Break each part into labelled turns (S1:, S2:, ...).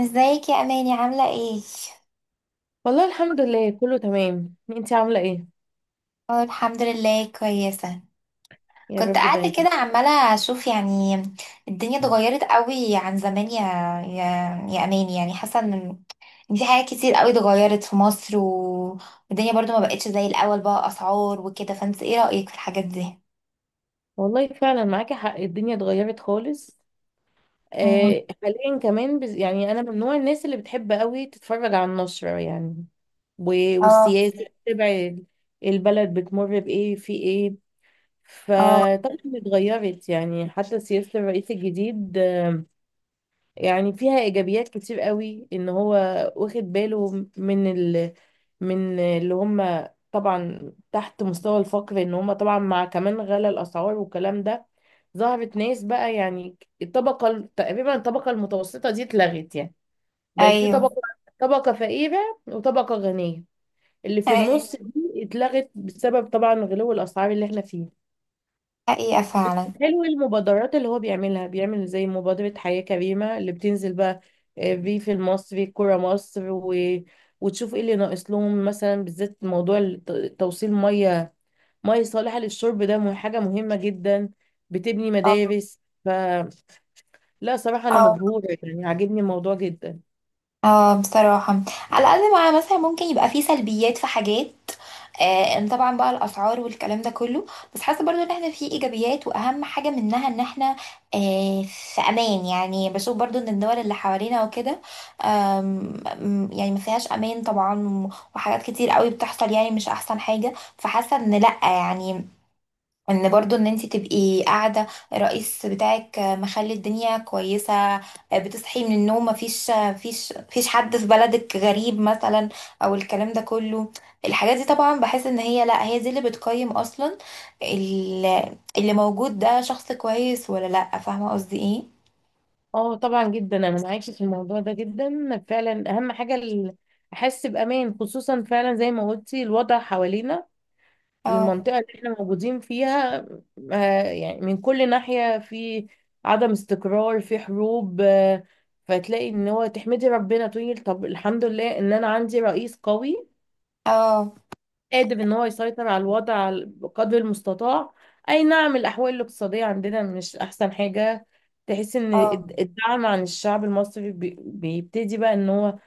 S1: ازيك يا اماني؟ عامله ايه؟
S2: والله الحمد لله، كله تمام. انتي عاملة ايه؟
S1: اه، الحمد لله كويسه.
S2: يا
S1: كنت
S2: رب
S1: قاعده
S2: دايما.
S1: كده عماله اشوف، يعني الدنيا اتغيرت قوي عن زمان، يا يا اماني. يعني حاسه إن في حاجات كتير قوي اتغيرت في مصر، والدنيا برضو ما بقتش زي الاول، بقى اسعار وكده. فانت ايه رايك في الحاجات دي؟
S2: والله فعلا معاكي حق، الدنيا اتغيرت خالص.
S1: مم.
S2: آه، حاليا كمان يعني انا من نوع الناس اللي بتحب قوي تتفرج على النشرة يعني و...
S1: اه،
S2: والسياسة، تتابع البلد بتمر بايه في ايه.
S1: اه.
S2: فطبعا اتغيرت، يعني حتى سياسة الرئيس الجديد يعني فيها ايجابيات كتير قوي، ان هو واخد باله من ال... من اللي هم طبعا تحت مستوى الفقر، ان هم طبعا مع كمان غلا الاسعار والكلام ده. ظهرت ناس بقى، يعني الطبقه تقريبا الطبقه المتوسطه دي اتلغت، يعني بقت في
S1: ايوه،
S2: طبقه، طبقه فقيره وطبقه غنيه. اللي في
S1: ايوه.
S2: النص دي اتلغت بسبب طبعا غلو الاسعار اللي احنا فيه.
S1: حقيقه، فعلا.
S2: حلو المبادرات اللي هو بيعملها، بيعمل زي مبادرة حياة كريمة اللي بتنزل بقى. آه، ريف المصري الكرة مصر وتشوف ايه اللي ناقص لهم، مثلا بالذات موضوع توصيل مية، مية صالحة للشرب، ده حاجة مهمة جدا. بتبني مدارس فلا، صراحة أنا
S1: اه،
S2: مبهورة يعني، عاجبني الموضوع جدا.
S1: اه، بصراحة. على قد ما مثلا ممكن يبقى فيه سلبيات في حاجات، إن طبعا بقى الأسعار والكلام ده كله، بس حاسة برضو ان احنا فيه ايجابيات، واهم حاجة منها ان احنا في امان. يعني بشوف برضو ان الدول اللي حوالينا وكده، آم، يعني ما فيهاش امان طبعا، وحاجات كتير قوي بتحصل، يعني مش احسن حاجة. فحاسة ان لأ، يعني ان برضو ان انت تبقي قاعده، الرئيس بتاعك مخلي الدنيا كويسه، بتصحي من النوم مفيش حد في بلدك غريب مثلا، او الكلام ده كله. الحاجات دي طبعا بحس ان هي، لا، هي دي اللي بتقيم اصلا اللي موجود ده شخص كويس ولا لا، فاهمه قصدي ايه؟
S2: اه طبعا جدا، أنا معاكي في الموضوع ده جدا فعلا، أهم حاجة أحس بأمان، خصوصا فعلا زي ما قلتي الوضع حوالينا،
S1: اه،
S2: المنطقة اللي احنا موجودين فيها، آه، يعني من كل ناحية في عدم استقرار، في حروب آه، فتلاقي ان هو تحمدي ربنا تقولي طب الحمد لله ان انا عندي رئيس قوي
S1: اه،
S2: قادر ان هو يسيطر على الوضع بقدر المستطاع. اي نعم، الاحوال الاقتصادية عندنا مش احسن حاجة. تحس ان
S1: اه،
S2: الدعم عن الشعب المصري بيبتدي بقى ان هو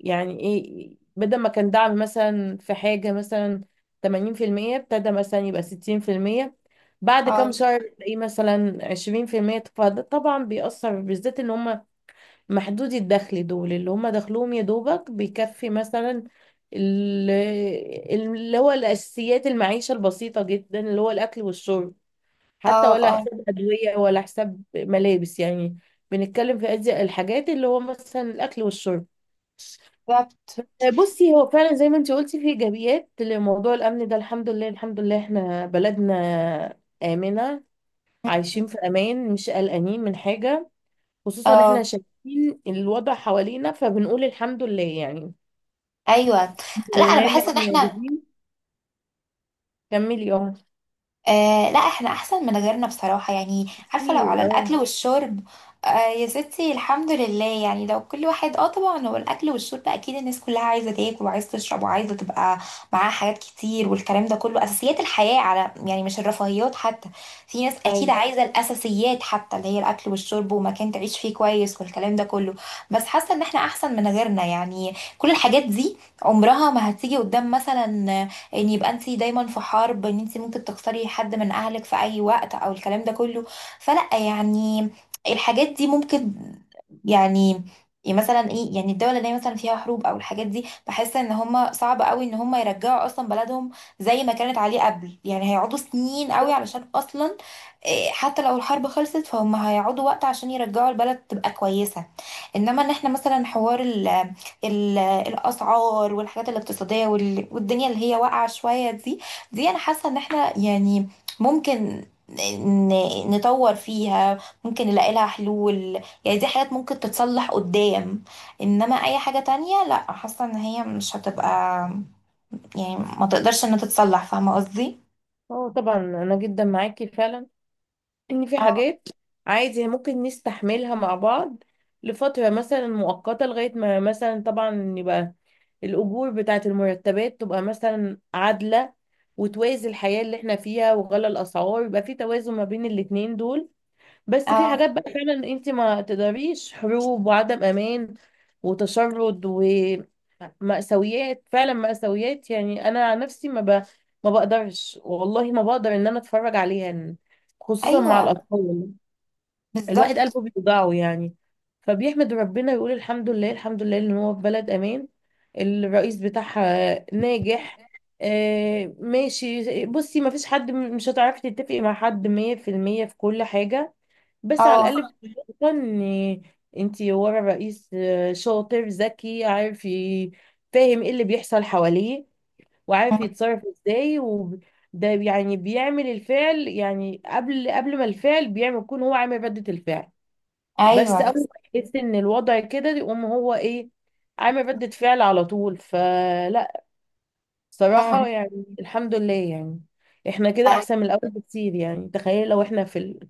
S2: يعني ايه، بدل ما كان دعم مثلا في حاجة مثلا 80%، ابتدى مثلا يبقى 60%، بعد كام
S1: اه،
S2: شهر تلاقيه مثلا 20%، فده طبعا بيأثر بالذات ان هم محدودي الدخل دول، اللي هم دخلهم يا دوبك بيكفي مثلا ال- اللي هو الأساسيات، المعيشة البسيطة جدا اللي هو الأكل والشرب، حتى
S1: اه،
S2: ولا
S1: اه،
S2: حساب أدوية ولا حساب ملابس يعني. بنتكلم في أدي الحاجات اللي هو مثلا الأكل والشرب.
S1: بالظبط،
S2: بصي، هو فعلا زي ما انت قلتي في ايجابيات لموضوع الامن ده. الحمد لله الحمد لله احنا بلدنا امنه، عايشين في امان، مش قلقانين من حاجه، خصوصا احنا
S1: اه،
S2: شايفين الوضع حوالينا، فبنقول الحمد لله يعني.
S1: ايوه.
S2: الحمد
S1: لا، انا
S2: لله ان
S1: بحس ان
S2: احنا
S1: احنا،
S2: موجودين. كملي. اه.
S1: لا، احنا احسن من غيرنا بصراحة يعني. عارفة، لو على
S2: كتير. اه.
S1: الاكل والشرب، يا ستي الحمد لله يعني. لو كل واحد، اه، طبعا هو الاكل والشرب، اكيد الناس كلها عايزة تاكل وعايزة تشرب وعايزة تبقى معاها حاجات كتير والكلام ده كله. اساسيات الحياة، على، يعني مش الرفاهيات حتى. في ناس اكيد
S2: ايوه،
S1: عايزة الاساسيات حتى، اللي هي الاكل والشرب ومكان تعيش فيه كويس والكلام ده كله. بس حاسة ان احنا احسن من غيرنا. يعني كل الحاجات دي عمرها ما هتيجي قدام مثلا ان يبقى انت دايما في حرب، ان انت ممكن تخسري حد من اهلك في اي وقت او الكلام ده كله. فلا يعني، الحاجات دي ممكن، يعني، يعني مثلا ايه، يعني الدولة اللي هي مثلا فيها حروب او الحاجات دي، بحس ان هم صعب قوي ان هم يرجعوا اصلا بلدهم زي ما كانت عليه قبل. يعني هيقعدوا سنين قوي
S2: بالظبط.
S1: علشان اصلا إيه، حتى لو الحرب خلصت فهم هيقعدوا وقت عشان يرجعوا البلد تبقى كويسة. انما ان احنا مثلا، حوار ال ال الاسعار والحاجات الاقتصادية، والدنيا اللي هي واقعة شوية دي، دي انا حاسة ان احنا يعني ممكن نطور فيها، ممكن نلاقي لها حلول. يعني دي حاجات ممكن تتصلح قدام، انما اي حاجة تانية لا، حاسة ان هي مش هتبقى، يعني ما تقدرش انها تتصلح. فاهمة قصدي؟
S2: اه طبعا، انا جدا معاكي فعلا، ان في
S1: اه،
S2: حاجات عادي ممكن نستحملها مع بعض لفترة مثلا مؤقتة، لغاية ما مثلا طبعا يبقى الأجور بتاعة المرتبات تبقى مثلا عادلة وتوازي الحياة اللي احنا فيها، وغلى الأسعار يبقى في توازن ما بين الاتنين دول. بس في
S1: اه،
S2: حاجات بقى فعلا انت ما تقدريش، حروب وعدم امان وتشرد ومأساويات، فعلا مأساويات، يعني انا عن نفسي ما بقدرش والله، ما بقدر ان انا اتفرج عليها، خصوصا
S1: ايوه،
S2: مع الاطفال. الواحد
S1: بالظبط،
S2: قلبه بيوجعه يعني، فبيحمد ربنا يقول الحمد لله الحمد لله ان هو في بلد امان، الرئيس بتاعها ناجح. آه ماشي، بصي، ما فيش حد مش هتعرفي تتفقي مع حد مية في المية في كل حاجة، بس على الاقل
S1: اه.
S2: بتبقى ان انتي ورا رئيس آه، شاطر ذكي، عارف فاهم ايه اللي بيحصل حواليه، وعارف
S1: مم.
S2: يتصرف ازاي. وده يعني بيعمل الفعل، يعني قبل ما الفعل بيعمل يكون هو عامل ردة الفعل. بس
S1: ايوه.
S2: اول ما يحس ان الوضع كده يقوم هو ايه، عامل ردة فعل على طول. فلا
S1: مم.
S2: صراحة يعني الحمد لله يعني، احنا كده
S1: أيوة،
S2: احسن من الاول بكتير يعني. تخيل لو احنا في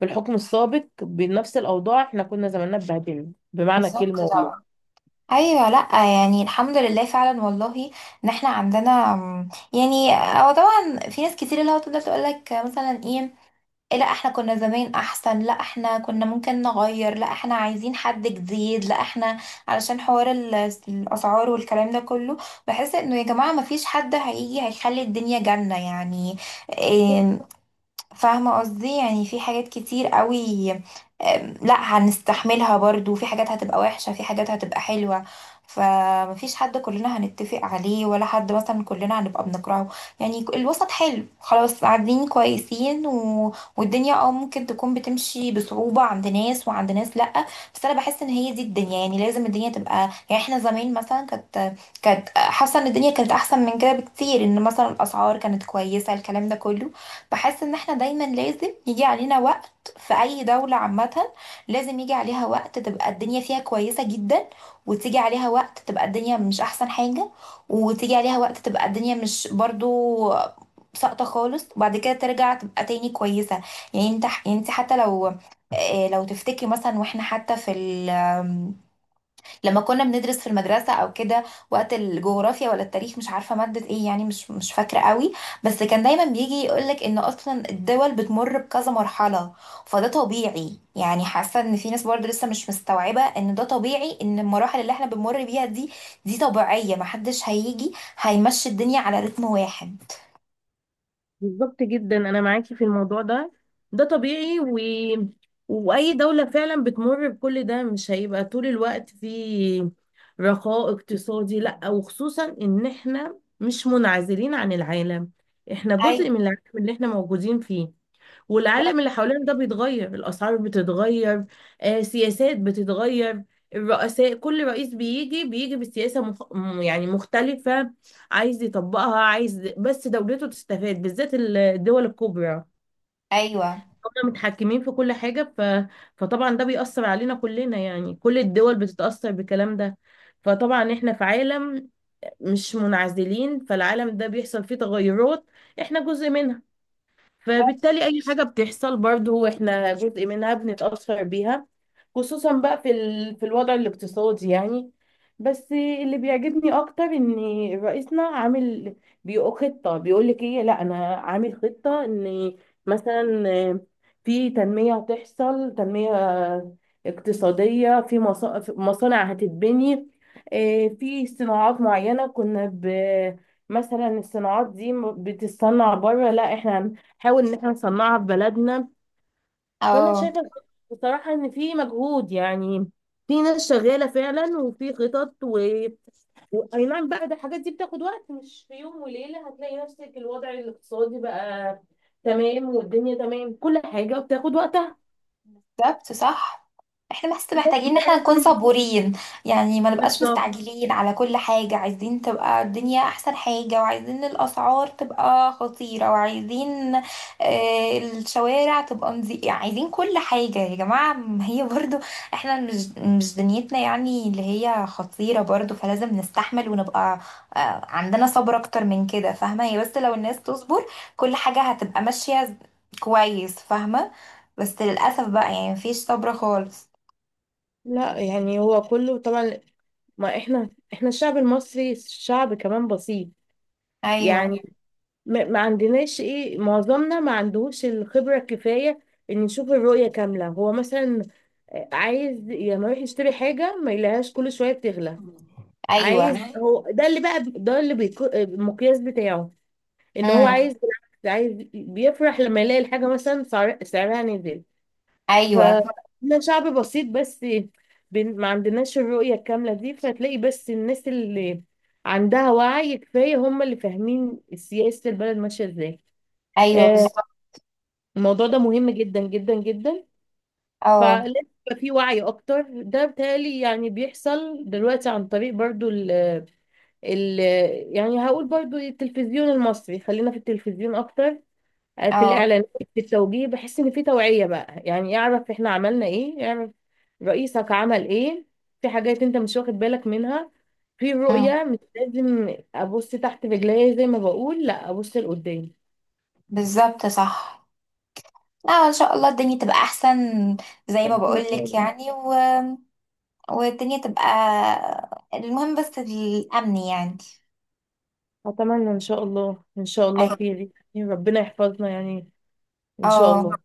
S2: في الحكم السابق بنفس الأوضاع، احنا كنا زماننا اتبهدلنا بمعنى
S1: بالظبط
S2: الكلمة والله.
S1: طبعا. ايوه، لا، يعني الحمد لله فعلا والله ان احنا عندنا، يعني هو طبعا في ناس كتير اللي هو تفضل تقول لك مثلا ايه، إيه، لا احنا كنا زمان احسن، لا احنا كنا ممكن نغير، لا احنا عايزين حد جديد، لا احنا، علشان حوار الاسعار والكلام ده كله. بحس انه يا جماعه ما فيش حد هيجي هيخلي الدنيا جنه يعني. إيه، فاهمة قصدي؟ يعني في حاجات كتير قوي، لا هنستحملها برضو. في حاجات هتبقى وحشة، في حاجات هتبقى حلوة. فمفيش حد كلنا هنتفق عليه، ولا حد مثلا كلنا هنبقى بنكرهه. يعني الوسط حلو، خلاص قاعدين كويسين، والدنيا اه ممكن تكون بتمشي بصعوبة عند ناس، وعند ناس لأ. بس انا بحس ان هي دي الدنيا. يعني لازم الدنيا تبقى، يعني احنا زمان مثلا كانت حاسة ان الدنيا كانت احسن من كده بكتير، ان مثلا الاسعار كانت كويسة الكلام ده كله. بحس ان احنا دايما لازم يجي علينا وقت في اي دولة عامة، لازم يجي عليها وقت تبقى الدنيا فيها كويسة جدا، وتيجي عليها وقت تبقى الدنيا مش احسن حاجة، وتيجي عليها وقت تبقى الدنيا مش برضو ساقطة خالص، وبعد كده ترجع تبقى تاني كويسة. يعني انت، يعني انت حتى لو، لو تفتكري مثلا واحنا حتى في، لما كنا بندرس في المدرسة او كده، وقت الجغرافيا ولا التاريخ، مش عارفة مادة ايه، يعني مش فاكرة قوي. بس كان دايما بيجي يقولك ان اصلا الدول بتمر بكذا مرحلة، فده طبيعي. يعني حاسة ان في ناس برضه لسه مش مستوعبة ان ده طبيعي، ان المراحل اللي احنا بنمر بيها دي، دي طبيعية. محدش هيجي هيمشي الدنيا على رتم واحد.
S2: بالظبط جدا أنا معاكي في الموضوع ده، ده طبيعي وأي دولة فعلا بتمر بكل ده، مش هيبقى طول الوقت في رخاء اقتصادي، لأ، وخصوصا إن احنا مش منعزلين عن العالم، احنا جزء
S1: ايوه،
S2: من العالم اللي احنا موجودين فيه. والعالم اللي حوالينا ده بيتغير، الأسعار بتتغير، آه، سياسات بتتغير، الرؤساء كل رئيس بيجي، بيجي بسياسة يعني مختلفة، عايز يطبقها، عايز بس دولته تستفاد، بالذات الدول الكبرى
S1: ايوه،
S2: هم متحكمين في كل حاجة فطبعا ده بيأثر علينا كلنا يعني، كل الدول بتتأثر بالكلام ده. فطبعا احنا في عالم، مش منعزلين، فالعالم ده بيحصل فيه تغيرات، احنا جزء منها، فبالتالي اي حاجه بتحصل برضو احنا جزء منها، بنتاثر بيها، خصوصا بقى في الوضع الاقتصادي يعني. بس اللي بيعجبني اكتر ان رئيسنا عامل، بيقول خطه، بيقول لك ايه، لا انا عامل خطه ان مثلا في تنميه هتحصل، تنميه اقتصاديه، في في مصانع هتتبني، إيه، في صناعات معينه مثلا الصناعات دي بتتصنع بره، لا احنا نحاول ان احنا نصنعها في بلدنا. فانا
S1: اه،
S2: شايفه بصراحه ان في مجهود يعني، في ناس شغاله فعلا وفي خطط اي نعم بقى، ده الحاجات دي بتاخد وقت، مش في يوم وليله هتلاقي نفسك الوضع الاقتصادي بقى تمام والدنيا تمام، كل حاجه بتاخد وقتها.
S1: بالظبط صح. احنا بس
S2: بس،
S1: محتاجين ان احنا نكون
S2: فعلاً،
S1: صبورين، يعني ما نبقاش
S2: بالظبط.
S1: مستعجلين على كل حاجة، عايزين تبقى الدنيا احسن حاجة، وعايزين الاسعار تبقى خطيرة، وعايزين، الشوارع تبقى نظيفة، يعني عايزين كل حاجة. يا جماعة، ما هي برضو احنا مش دنيتنا يعني اللي هي خطيرة برضو، فلازم نستحمل ونبقى، عندنا صبر اكتر من كده. فاهمة، هي بس لو الناس تصبر كل حاجة هتبقى ماشية كويس، فاهمة. بس للأسف بقى يعني مفيش صبر خالص.
S2: لا يعني هو كله طبعا، ما احنا الشعب المصري شعب كمان بسيط
S1: أيوة،
S2: يعني، ما عندناش ايه، معظمنا ما عندهوش الخبرة الكفاية ان يشوف الرؤية كاملة. هو مثلا آه، عايز لما يروح يشتري حاجة ما يلاقيهاش كل شوية بتغلى، عايز
S1: أيوة،
S2: هو، ده اللي بقى ده اللي بيكو آه، المقياس بتاعه ان هو عايز.
S1: امم،
S2: بالعكس، عايز بيفرح لما يلاقي الحاجة مثلا سعرها نزل.
S1: أيوة،
S2: فاحنا شعب بسيط، بس ما عندناش الرؤية الكاملة دي، فتلاقي بس الناس اللي عندها وعي كفاية هم اللي فاهمين سياسة البلد ماشية ازاي.
S1: أيوة،
S2: آه،
S1: بالظبط،
S2: الموضوع ده مهم جدا جدا جدا،
S1: اه،
S2: فلازم يبقى في وعي اكتر. ده بتهيألي يعني بيحصل دلوقتي عن طريق برضو ال يعني هقول برضو التلفزيون المصري، خلينا في التلفزيون اكتر. آه، في
S1: اه،
S2: الاعلانات في التوجيه، بحس ان في توعية بقى يعني، اعرف احنا عملنا ايه، اعرف رئيسك عمل ايه، في حاجات انت مش واخد بالك منها، في
S1: امم،
S2: رؤية، مش لازم ابص تحت رجليا زي ما بقول، لا ابص
S1: بالظبط صح. لا، إن شاء الله الدنيا تبقى أحسن زي ما بقولك،
S2: لقدام.
S1: يعني والدنيا تبقى. المهم بس الأمن يعني.
S2: أتمنى إن شاء الله، إن شاء الله
S1: أيوة،
S2: خير يعني، ربنا يحفظنا يعني. إن شاء
S1: اه،
S2: الله.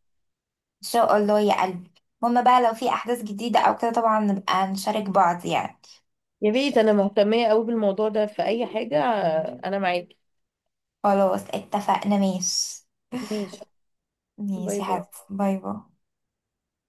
S1: إن شاء الله يا قلبي. المهم بقى لو في أحداث جديدة أو كده طبعا نبقى نشارك بعض يعني.
S2: يا ريت، أنا مهتمية أوي بالموضوع ده، في أي حاجة أنا معاكي.
S1: خلاص، اتفقنا، ماشي.
S2: ماشي. باي
S1: ماشي يا
S2: باي.
S1: حبيبتي، باي باي.